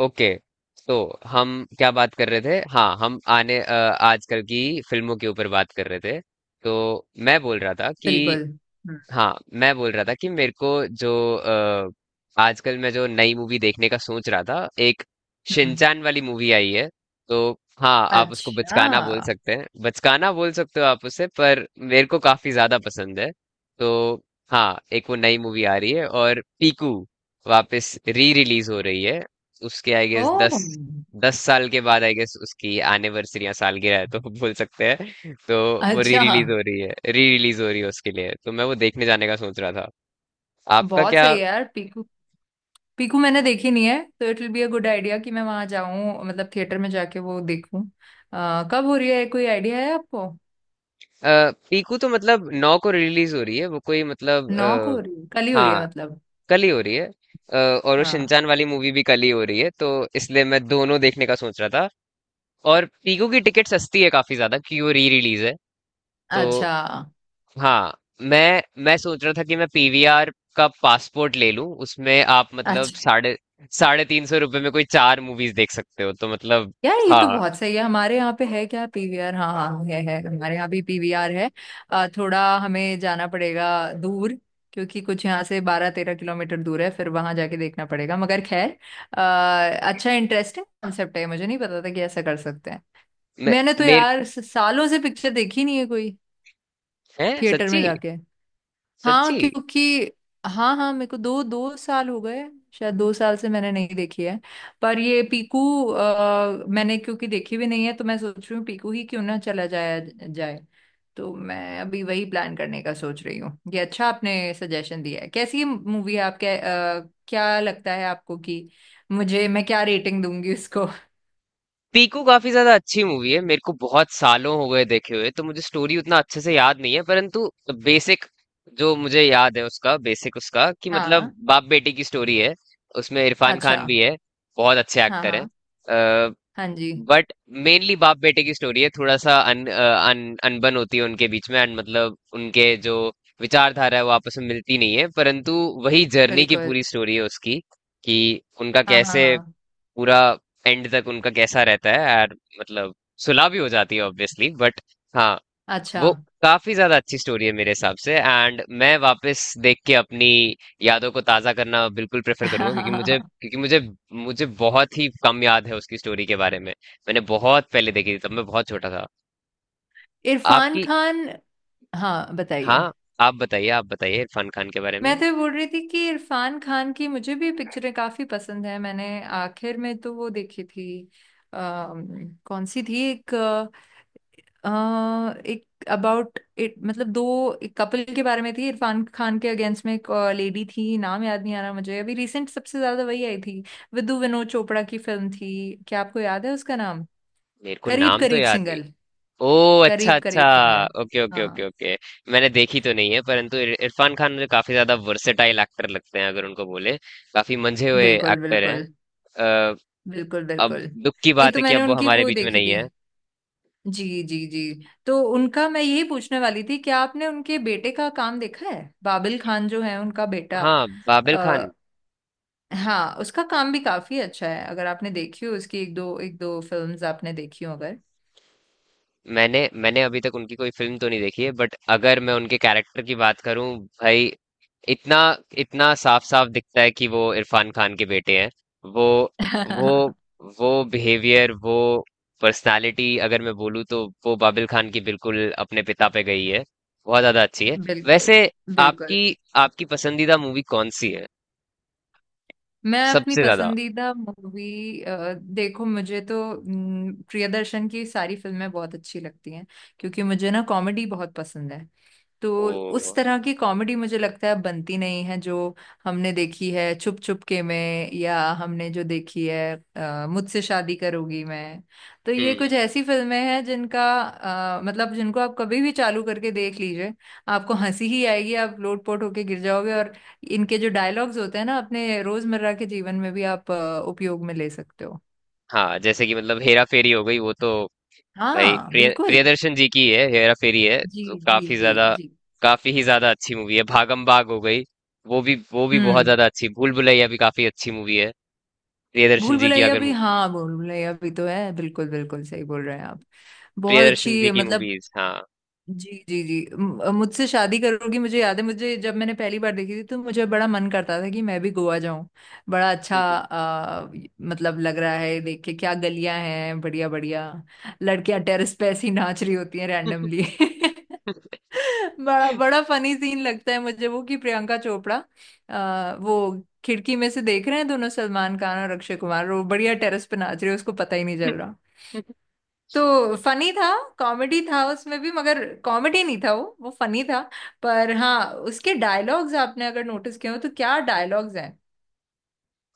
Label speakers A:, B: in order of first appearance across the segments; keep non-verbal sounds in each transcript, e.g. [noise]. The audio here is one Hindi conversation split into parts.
A: ओके। तो हम क्या बात कर रहे थे? हाँ, हम आजकल की फिल्मों के ऊपर बात कर रहे थे। तो मैं बोल रहा था कि
B: बिल्कुल। हम्म।
A: हाँ, मैं बोल रहा था कि मेरे को जो अ, आजकल मैं जो नई मूवी देखने का सोच रहा था, एक
B: हम्म।
A: शिनचान वाली मूवी आई है। तो हाँ, आप उसको
B: अच्छा।
A: बचकाना बोल सकते हैं, बचकाना बोल सकते हो आप उसे, पर मेरे को काफी ज्यादा पसंद है। तो हाँ, एक वो नई मूवी आ रही है और पीकू वापस री रिलीज हो रही है उसके। आई गेस दस
B: ओह,
A: दस साल के बाद आई गेस उसकी एनिवर्सरी या सालगिरह है, तो [laughs] बोल सकते हैं। तो वो री
B: अच्छा।
A: रिलीज हो रही है, री रिलीज हो रही है, उसके लिए तो मैं वो देखने जाने का सोच रहा था। आपका
B: बहुत
A: क्या?
B: सही है यार, पीकू। पीकू मैंने देखी नहीं है तो it will be a good idea कि मैं वहां जाऊं, मतलब थिएटर में जाके वो देखूं। कब हो रही है, कोई आइडिया है आपको?
A: पीकू तो मतलब 9 को रिलीज हो रही है। वो कोई मतलब
B: 9 को हो रही है? कल ही हो रही है
A: हाँ,
B: मतलब?
A: कल ही हो रही है। और वो
B: हाँ,
A: शिनचान वाली मूवी भी कल ही हो रही है, तो इसलिए मैं दोनों देखने का सोच रहा था। और पीकू की टिकट सस्ती है काफी ज्यादा क्योंकि वो री रिलीज है। तो
B: अच्छा,
A: हाँ, मैं सोच रहा था कि मैं पीवीआर का पासपोर्ट ले लूं। उसमें आप मतलब
B: अच्छा।
A: साढ़े साढ़े तीन सौ रुपए में कोई 4 मूवीज देख सकते हो, तो मतलब
B: यार ये तो
A: हाँ।
B: बहुत सही है। हमारे यहाँ पे है क्या पीवीआर? हाँ हाँ, है, हमारे यहाँ भी पीवीआर है। थोड़ा हमें जाना पड़ेगा दूर, क्योंकि कुछ यहाँ से 12-13 किलोमीटर दूर है। फिर वहां जाके देखना पड़ेगा, मगर खैर। अ, अच्छा, इंटरेस्टिंग कॉन्सेप्ट है, मुझे नहीं पता था कि ऐसा कर सकते हैं।
A: मे,
B: मैंने तो
A: मेरे
B: यार सालों से पिक्चर देखी नहीं है कोई,
A: हैं
B: थिएटर में
A: सच्ची?
B: जाके। हाँ,
A: सच्ची?
B: क्योंकि हाँ हाँ, मेरे को दो दो साल हो गए। शायद 2 साल से मैंने नहीं देखी है। पर ये पीकू मैंने क्योंकि देखी भी नहीं है तो मैं सोच रही हूँ पीकू ही क्यों ना चला जाया जाए। तो मैं अभी वही प्लान करने का सोच रही हूँ। ये अच्छा आपने सजेशन दिया है। कैसी मूवी है आपके, क्या लगता है आपको कि मुझे, मैं क्या रेटिंग दूंगी इसको? [laughs]
A: पीकू काफी ज्यादा अच्छी मूवी है। मेरे को बहुत सालों हो गए देखे हुए, तो मुझे स्टोरी उतना अच्छे से याद नहीं है, परंतु बेसिक जो मुझे याद है उसका, बेसिक उसका कि
B: हाँ,
A: मतलब बाप बेटी की स्टोरी है। उसमें इरफान
B: अच्छा।
A: खान भी है, बहुत अच्छे
B: हाँ
A: एक्टर हैं।
B: हाँ, हाँ जी।
A: बट मेनली बाप बेटे की स्टोरी है। थोड़ा सा अनबन होती है उनके बीच में एंड मतलब उनके जो विचारधारा है वो आपस में मिलती नहीं है, परंतु वही जर्नी की
B: बिल्कुल।
A: पूरी स्टोरी है उसकी, कि उनका
B: हाँ हाँ।
A: कैसे
B: हाँ,
A: पूरा एंड तक उनका कैसा रहता है यार। मतलब सुलह भी हो जाती है ऑब्वियसली, बट हाँ,
B: अच्छा।
A: वो काफी ज्यादा अच्छी स्टोरी है मेरे हिसाब से। एंड मैं वापस देख के अपनी यादों को ताजा करना बिल्कुल प्रेफर करूंगा,
B: [laughs]
A: क्योंकि मुझे मुझे बहुत ही कम याद है उसकी स्टोरी के बारे में। मैंने बहुत पहले देखी थी, तब मैं बहुत छोटा था।
B: इरफान
A: आपकी
B: खान। हाँ, बताइए।
A: हाँ, आप बताइए इरफान खान के बारे में।
B: मैं तो ये बोल रही थी कि इरफान खान की मुझे भी पिक्चरें काफी पसंद है। मैंने आखिर में तो वो देखी थी, कौन सी थी एक, अ, एक अबाउट इट, मतलब दो, एक कपल के बारे में थी, इरफान खान के अगेंस्ट में एक लेडी थी। नाम याद नहीं आ रहा मुझे अभी, रिसेंट सबसे ज्यादा वही आई थी। विदु विनोद चोपड़ा की फिल्म थी। क्या आपको याद है उसका नाम?
A: मेरे को
B: करीब
A: नाम तो
B: करीब
A: याद नहीं।
B: सिंगल।
A: ओ, अच्छा
B: करीब
A: अच्छा।
B: करीब सिंगल।
A: ओके ओके
B: हाँ।
A: Okay okay. मैंने देखी तो नहीं है, परंतु इरफान खान मुझे काफी ज्यादा वर्सेटाइल एक्टर लगते हैं अगर उनको बोले, काफी मंझे हुए
B: बिल्कुल
A: एक्टर हैं।
B: बिल्कुल।
A: अ,
B: बिल्कुल
A: अब
B: बिल्कुल।
A: दुख की
B: नहीं,
A: बात
B: तो
A: है कि
B: मैंने
A: अब वो
B: उनकी
A: हमारे
B: वो
A: बीच में
B: देखी
A: नहीं
B: थी।
A: है।
B: जी जी जी, तो उनका मैं यही पूछने वाली थी, क्या आपने उनके बेटे का काम देखा है? बाबिल खान जो है, उनका बेटा।
A: हाँ, बाबिल
B: आ,
A: खान।
B: हाँ, उसका काम भी काफी अच्छा है, अगर आपने देखी हो उसकी एक दो, एक दो फिल्म्स आपने देखी हो अगर।
A: मैंने मैंने अभी तक उनकी कोई फिल्म तो नहीं देखी है, बट अगर मैं उनके कैरेक्टर की बात करूं, भाई, इतना इतना साफ साफ दिखता है कि वो इरफान खान के बेटे हैं। वो वो
B: [laughs]
A: वो बिहेवियर, वो पर्सनालिटी, अगर मैं बोलूँ, तो वो बाबिल खान की बिल्कुल अपने पिता पे गई है। बहुत ज्यादा अच्छी है
B: बिल्कुल
A: वैसे।
B: बिल्कुल।
A: आपकी आपकी पसंदीदा मूवी कौन सी है?
B: मैं अपनी
A: सबसे ज्यादा?
B: पसंदीदा मूवी, देखो मुझे तो प्रियदर्शन की सारी फिल्में बहुत अच्छी लगती हैं, क्योंकि मुझे ना कॉमेडी बहुत पसंद है। तो उस
A: ओ।
B: तरह की कॉमेडी मुझे लगता है बनती नहीं है, जो हमने देखी है छुप छुप के में, या हमने जो देखी है मुझसे शादी करोगी। मैं, तो ये कुछ
A: हम्म।
B: ऐसी फिल्में हैं जिनका मतलब जिनको आप कभी भी चालू करके देख लीजिए, आपको हंसी ही आएगी, आप लोट पोट होके गिर जाओगे। और इनके जो डायलॉग्स होते हैं ना, अपने रोजमर्रा के जीवन में भी आप उपयोग में ले सकते हो।
A: हाँ, जैसे कि मतलब हेरा फेरी हो गई वो तो। भाई,
B: हाँ,
A: प्रिय
B: बिल्कुल।
A: प्रियदर्शन जी की है हेरा फेरी, है
B: जी
A: तो
B: जी जी। जी।
A: काफी ही ज्यादा अच्छी मूवी है। भागम भाग हो गई, वो भी बहुत
B: हम्म।
A: ज्यादा अच्छी। भूल भुलैया भी काफी अच्छी मूवी है। प्रियदर्शन
B: भूल
A: जी की
B: भुलैया
A: अगर
B: भी,
A: मू-
B: हाँ, भूल भुलैया भी तो है, बिल्कुल बिल्कुल सही बोल रहे हैं आप। बहुत
A: प्रियदर्शन जी
B: अच्छी,
A: की
B: मतलब
A: मूवीज, हाँ।
B: जी जी जी, मुझसे शादी करोगी मुझे याद है, मुझे जब मैंने पहली बार देखी थी तो मुझे बड़ा मन करता था कि मैं भी गोवा जाऊं। बड़ा अच्छा मतलब लग रहा है देख के, क्या गलियां हैं, बढ़िया बढ़िया। लड़कियां टेरेस पे ऐसी नाच रही होती हैं रैंडमली।
A: [laughs]
B: [laughs] बड़ा बड़ा फनी सीन लगता है मुझे वो, कि प्रियंका चोपड़ा वो खिड़की में से देख रहे हैं दोनों, सलमान खान और अक्षय कुमार, वो बढ़िया टेरेस पे नाच रहे हैं, उसको पता ही नहीं चल रहा। तो फनी था। कॉमेडी था उसमें भी, मगर कॉमेडी नहीं था, वो फनी था। पर हाँ, उसके डायलॉग्स आपने अगर नोटिस किए हो तो, क्या डायलॉग्स हैं।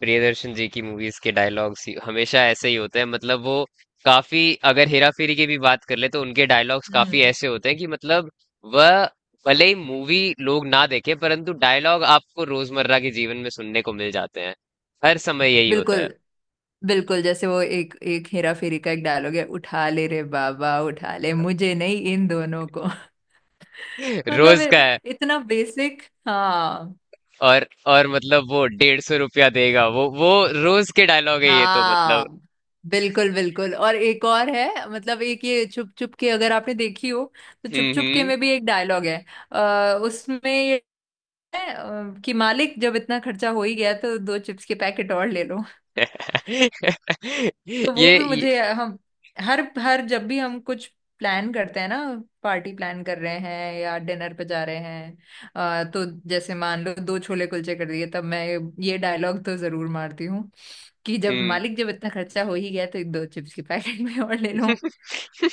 A: प्रियदर्शन जी की मूवीज के डायलॉग्स हमेशा ऐसे ही होते हैं। मतलब वो काफी अगर हेरा फेरी की भी बात कर ले, तो उनके डायलॉग्स काफी
B: हम्म।
A: ऐसे होते हैं कि मतलब वह, भले ही मूवी लोग ना देखे, परंतु डायलॉग आपको रोजमर्रा के जीवन में सुनने को मिल जाते हैं। हर समय यही होता
B: बिल्कुल
A: है।
B: बिल्कुल, जैसे वो एक, एक हेरा फेरी का एक डायलॉग है, उठा ले रे बाबा उठा ले, मुझे नहीं इन दोनों को। [laughs]
A: [laughs]
B: मतलब
A: रोज का है।
B: इतना बेसिक। हाँ।
A: और मतलब वो 150 रुपया देगा वो रोज के डायलॉग है ये, तो मतलब।
B: हाँ, बिल्कुल बिल्कुल। और एक और है, मतलब एक ये चुप चुप के, अगर आपने देखी हो, तो चुप
A: हम्म।
B: चुप के
A: हम्म।
B: में भी एक डायलॉग है, उसमें ये है, कि मालिक जब इतना खर्चा हो ही गया, तो दो चिप्स के पैकेट और ले लो।
A: [laughs] ये,
B: तो वो भी
A: ये
B: मुझे हम, हर हर जब भी हम कुछ प्लान करते हैं ना, पार्टी प्लान कर रहे हैं या डिनर पे जा रहे हैं, तो जैसे मान लो दो छोले कुलचे कर दिए, तब मैं ये डायलॉग तो जरूर मारती हूँ, कि जब
A: हम्म।
B: मालिक जब इतना खर्चा हो ही गया तो दो चिप्स की पैकेट में और ले लो।
A: [laughs]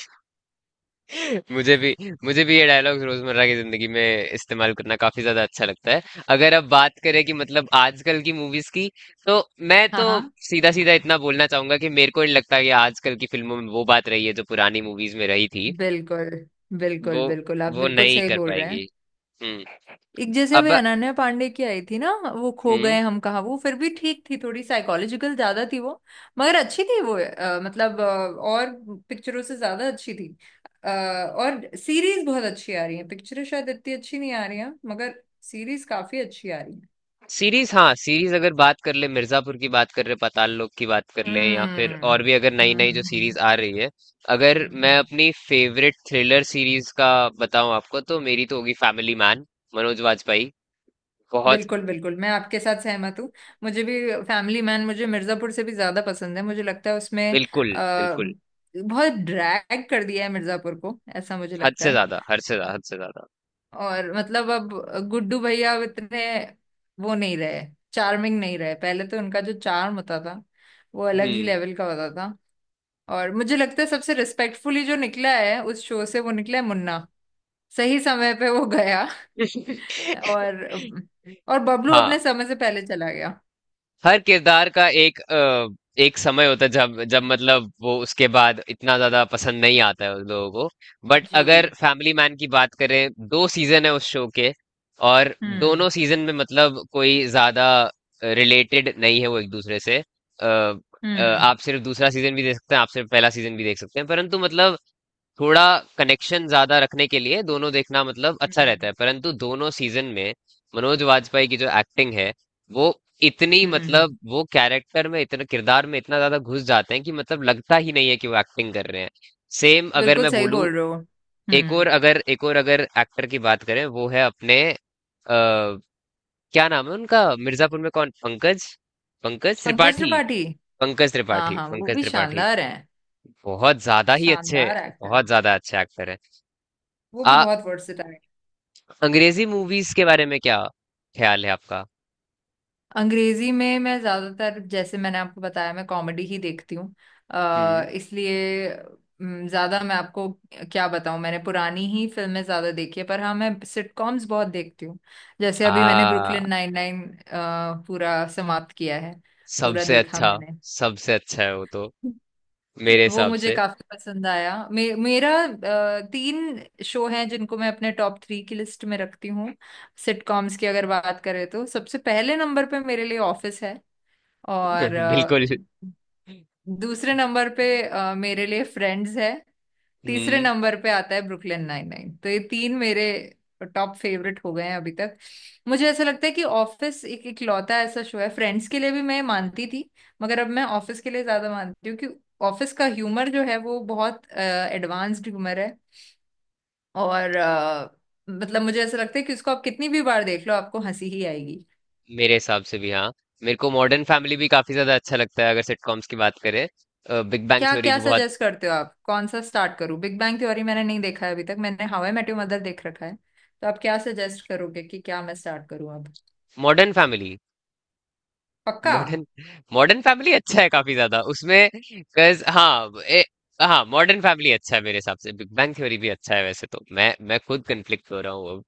A: मुझे भी, मुझे भी ये डायलॉग्स रोजमर्रा की जिंदगी में इस्तेमाल करना काफी ज्यादा अच्छा लगता है। अगर अब बात करें कि मतलब आजकल की मूवीज की, तो मैं
B: हाँ
A: तो
B: हाँ।
A: सीधा सीधा इतना बोलना चाहूंगा कि मेरे को नहीं लगता कि आजकल की फिल्मों में वो बात रही है जो पुरानी मूवीज में रही थी।
B: बिल्कुल बिल्कुल।
A: वो
B: बिल्कुल आप
A: वो
B: बिल्कुल
A: नहीं
B: सही
A: कर
B: बोल रहे हैं।
A: पाएंगी। हम्म।
B: एक जैसे अभी
A: अब।
B: अनन्या पांडे की आई थी ना, वो खो
A: हम्म।
B: गए हम कहाँ, वो फिर भी ठीक थी, थोड़ी साइकोलॉजिकल ज्यादा थी वो, मगर अच्छी थी वो। मतलब और पिक्चरों से ज्यादा अच्छी थी। और सीरीज बहुत अच्छी आ रही है, पिक्चरें शायद इतनी अच्छी नहीं आ रही हैं, मगर सीरीज काफी अच्छी आ रही है।
A: सीरीज, हाँ। सीरीज अगर बात कर ले, मिर्जापुर की बात कर रहे, पाताल लोक की बात कर ले, या फिर
B: हम्म।
A: और भी अगर नई
B: हम्म,
A: नई जो
B: हम्म।
A: सीरीज आ रही है। अगर मैं
B: हम्म।
A: अपनी फेवरेट थ्रिलर सीरीज का बताऊं आपको, तो मेरी तो होगी फैमिली मैन। मनोज वाजपेयी। बहुत।
B: बिल्कुल बिल्कुल, मैं आपके साथ सहमत हूँ। मुझे भी फैमिली मैन, मुझे मिर्जापुर से भी ज्यादा पसंद है। मुझे लगता है उसमें
A: बिल्कुल
B: आ,
A: बिल्कुल।
B: बहुत ड्रैग कर दिया है मिर्जापुर को, ऐसा मुझे
A: हद
B: लगता
A: से
B: है।
A: ज्यादा, हद से ज्यादा, हद से ज्यादा।
B: और मतलब अब गुड्डू भैया अब इतने, वो नहीं रहे, चार्मिंग नहीं रहे। पहले तो उनका जो चार्म होता था, वो अलग ही
A: हम्म।
B: लेवल का होता था। और मुझे लगता है सबसे रिस्पेक्टफुली जो निकला है उस शो से, वो निकला है मुन्ना, सही समय पे वो गया। [laughs] और
A: [laughs]
B: और बबलू
A: हाँ।
B: अपने समय से पहले चला गया।
A: हर किरदार का एक समय होता है, जब जब मतलब वो उसके बाद इतना ज्यादा पसंद नहीं आता है उन लोगों को। बट अगर
B: जी।
A: फैमिली मैन की बात करें, 2 सीजन है उस शो के और
B: हम्म।
A: दोनों सीजन में मतलब कोई ज्यादा रिलेटेड नहीं है वो एक दूसरे से।
B: हम्म।
A: आप सिर्फ दूसरा सीजन भी देख सकते हैं, आप सिर्फ पहला सीजन भी देख सकते हैं, परंतु मतलब थोड़ा कनेक्शन ज्यादा रखने के लिए दोनों देखना मतलब अच्छा रहता
B: हम्म।
A: है। परंतु दोनों सीजन में मनोज वाजपेयी की जो एक्टिंग है, वो इतनी
B: हम्म,
A: मतलब वो कैरेक्टर में इतना किरदार में इतना ज्यादा घुस जाते हैं कि मतलब लगता ही नहीं है कि वो एक्टिंग कर रहे हैं। सेम अगर
B: बिल्कुल
A: मैं
B: सही
A: बोलूं,
B: बोल रहे हो।
A: एक और
B: हम्म।
A: अगर एक और अगर एक्टर की बात करें, वो है अपने क्या नाम है उनका मिर्जापुर में, कौन? पंकज पंकज
B: पंकज
A: त्रिपाठी।
B: त्रिपाठी।
A: पंकज
B: हाँ
A: त्रिपाठी।
B: हाँ, वो
A: पंकज
B: भी
A: त्रिपाठी।
B: शानदार हैं।
A: बहुत ज्यादा ही अच्छे,
B: शानदार एक्टर।
A: बहुत ज्यादा अच्छे एक्टर हैं।
B: वो
A: आ
B: भी बहुत वर्सेटाइल।
A: अंग्रेजी मूवीज के बारे में क्या ख्याल है आपका?
B: अंग्रेजी में मैं ज्यादातर, जैसे मैंने आपको बताया, मैं कॉमेडी ही देखती हूँ,
A: हम्म।
B: इसलिए ज्यादा मैं आपको क्या बताऊँ। मैंने पुरानी ही फिल्में ज्यादा देखी है, पर हाँ, मैं सिटकॉम्स बहुत देखती हूँ। जैसे अभी मैंने
A: आ
B: ब्रुकलिन नाइन नाइन पूरा समाप्त किया है, पूरा
A: सबसे
B: देखा
A: अच्छा।
B: मैंने।
A: सबसे अच्छा है वो तो मेरे
B: वो
A: हिसाब
B: मुझे
A: से।
B: काफी पसंद आया। मेरा तीन शो हैं जिनको मैं अपने टॉप थ्री की लिस्ट में रखती हूँ। सिटकॉम्स की अगर बात करें तो सबसे पहले नंबर पे मेरे लिए ऑफिस है, और
A: [laughs] बिल्कुल।
B: दूसरे नंबर पे मेरे लिए फ्रेंड्स है, तीसरे
A: हम्म।
B: नंबर पे आता है ब्रुकलिन नाइन नाइन। तो ये तीन मेरे टॉप फेवरेट हो गए हैं अभी तक। मुझे ऐसा लगता है कि ऑफिस एक इकलौता ऐसा शो है, फ्रेंड्स के लिए भी मैं मानती थी मगर अब मैं ऑफिस के लिए ज्यादा मानती हूँ, कि ऑफिस का ह्यूमर जो है वो बहुत एडवांस्ड ह्यूमर है। और मतलब मुझे ऐसा लगता है कि उसको आप कितनी भी बार देख लो, आपको हंसी ही आएगी।
A: मेरे हिसाब से भी, हाँ। मेरे को मॉडर्न फैमिली भी काफी ज्यादा अच्छा लगता है अगर सिटकॉम्स की बात करें। बिग बैंग
B: क्या
A: थ्योरी
B: क्या
A: भी बहुत।
B: सजेस्ट करते हो आप, कौन सा स्टार्ट करूं? बिग बैंग थ्योरी मैंने नहीं देखा है अभी तक, मैंने How I Met Your Mother देख रखा है। तो आप क्या सजेस्ट करोगे कि क्या मैं स्टार्ट करूं अब?
A: Modern Family.
B: पक्का?
A: मॉडर्न मॉडर्न फैमिली अच्छा है, काफी ज्यादा उसमें। हाँ, हाँ, मॉडर्न फैमिली अच्छा है मेरे हिसाब से। बिग बैंग थ्योरी भी अच्छा है वैसे तो। मैं खुद कंफ्लिक्ट हो रहा हूँ,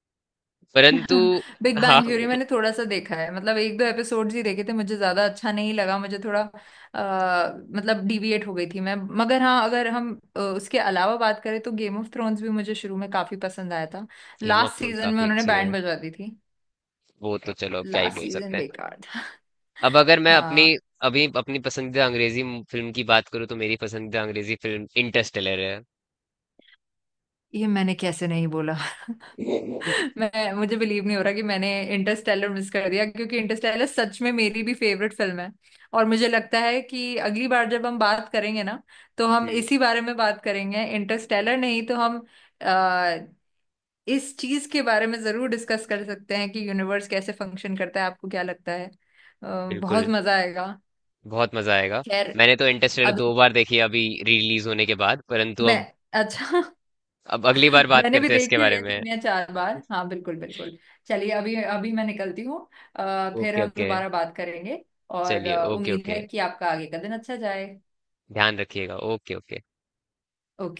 A: परंतु
B: [laughs] बिग
A: हाँ।
B: बैंग थ्योरी
A: [laughs]
B: मैंने थोड़ा सा देखा है, मतलब एक दो एपिसोड्स ही देखे थे, मुझे ज्यादा अच्छा नहीं लगा, मुझे थोड़ा मतलब डिविएट हो गई थी मैं। मगर हाँ, अगर हम उसके अलावा बात करें तो गेम ऑफ थ्रोन्स भी मुझे शुरू में काफी पसंद आया था,
A: Game of
B: last
A: Thrones
B: season में
A: काफी
B: उन्होंने
A: अच्छी है।
B: बैंड बजवा दी थी।
A: वो तो चलो क्या ही
B: लास्ट
A: बोल
B: सीजन
A: सकते हैं।
B: बेकार था।
A: अब अगर
B: [laughs]
A: मैं अपनी
B: हाँ।
A: अभी अपनी पसंदीदा अंग्रेजी फिल्म की बात करूँ, तो मेरी पसंदीदा अंग्रेजी फिल्म इंटरस्टेलर है।
B: ये मैंने कैसे नहीं बोला।
A: [laughs]
B: मैं, मुझे बिलीव नहीं हो रहा कि मैंने इंटरस्टेलर मिस कर दिया, क्योंकि इंटरस्टेलर सच में मेरी भी फेवरेट फिल्म है। और मुझे लगता है कि अगली बार जब हम बात करेंगे ना, तो हम
A: हम्म।
B: इसी बारे में बात करेंगे इंटरस्टेलर, नहीं तो हम आ, इस चीज के बारे में जरूर डिस्कस कर सकते हैं कि यूनिवर्स कैसे फंक्शन करता है, आपको क्या लगता है? बहुत
A: बिल्कुल।
B: मजा आएगा।
A: बहुत मजा आएगा।
B: खैर,
A: मैंने तो इंटरस्टेलर
B: अभी
A: 2 बार देखी है अभी रिलीज होने के बाद, परंतु
B: मैं।
A: अब
B: अच्छा। [laughs]
A: अब अगली बार बात
B: मैंने भी
A: करते हैं इसके
B: देखी हुई
A: बारे
B: है
A: में।
B: 3 या 4 बार, हाँ, बिल्कुल बिल्कुल।
A: [laughs]
B: चलिए, अभी अभी मैं निकलती हूँ, फिर
A: ओके
B: हम
A: ओके।
B: दोबारा बात करेंगे। और
A: चलिए, ओके
B: उम्मीद है
A: ओके।
B: कि आपका आगे का दिन अच्छा जाए।
A: ध्यान रखिएगा। Okay okay.
B: ओके।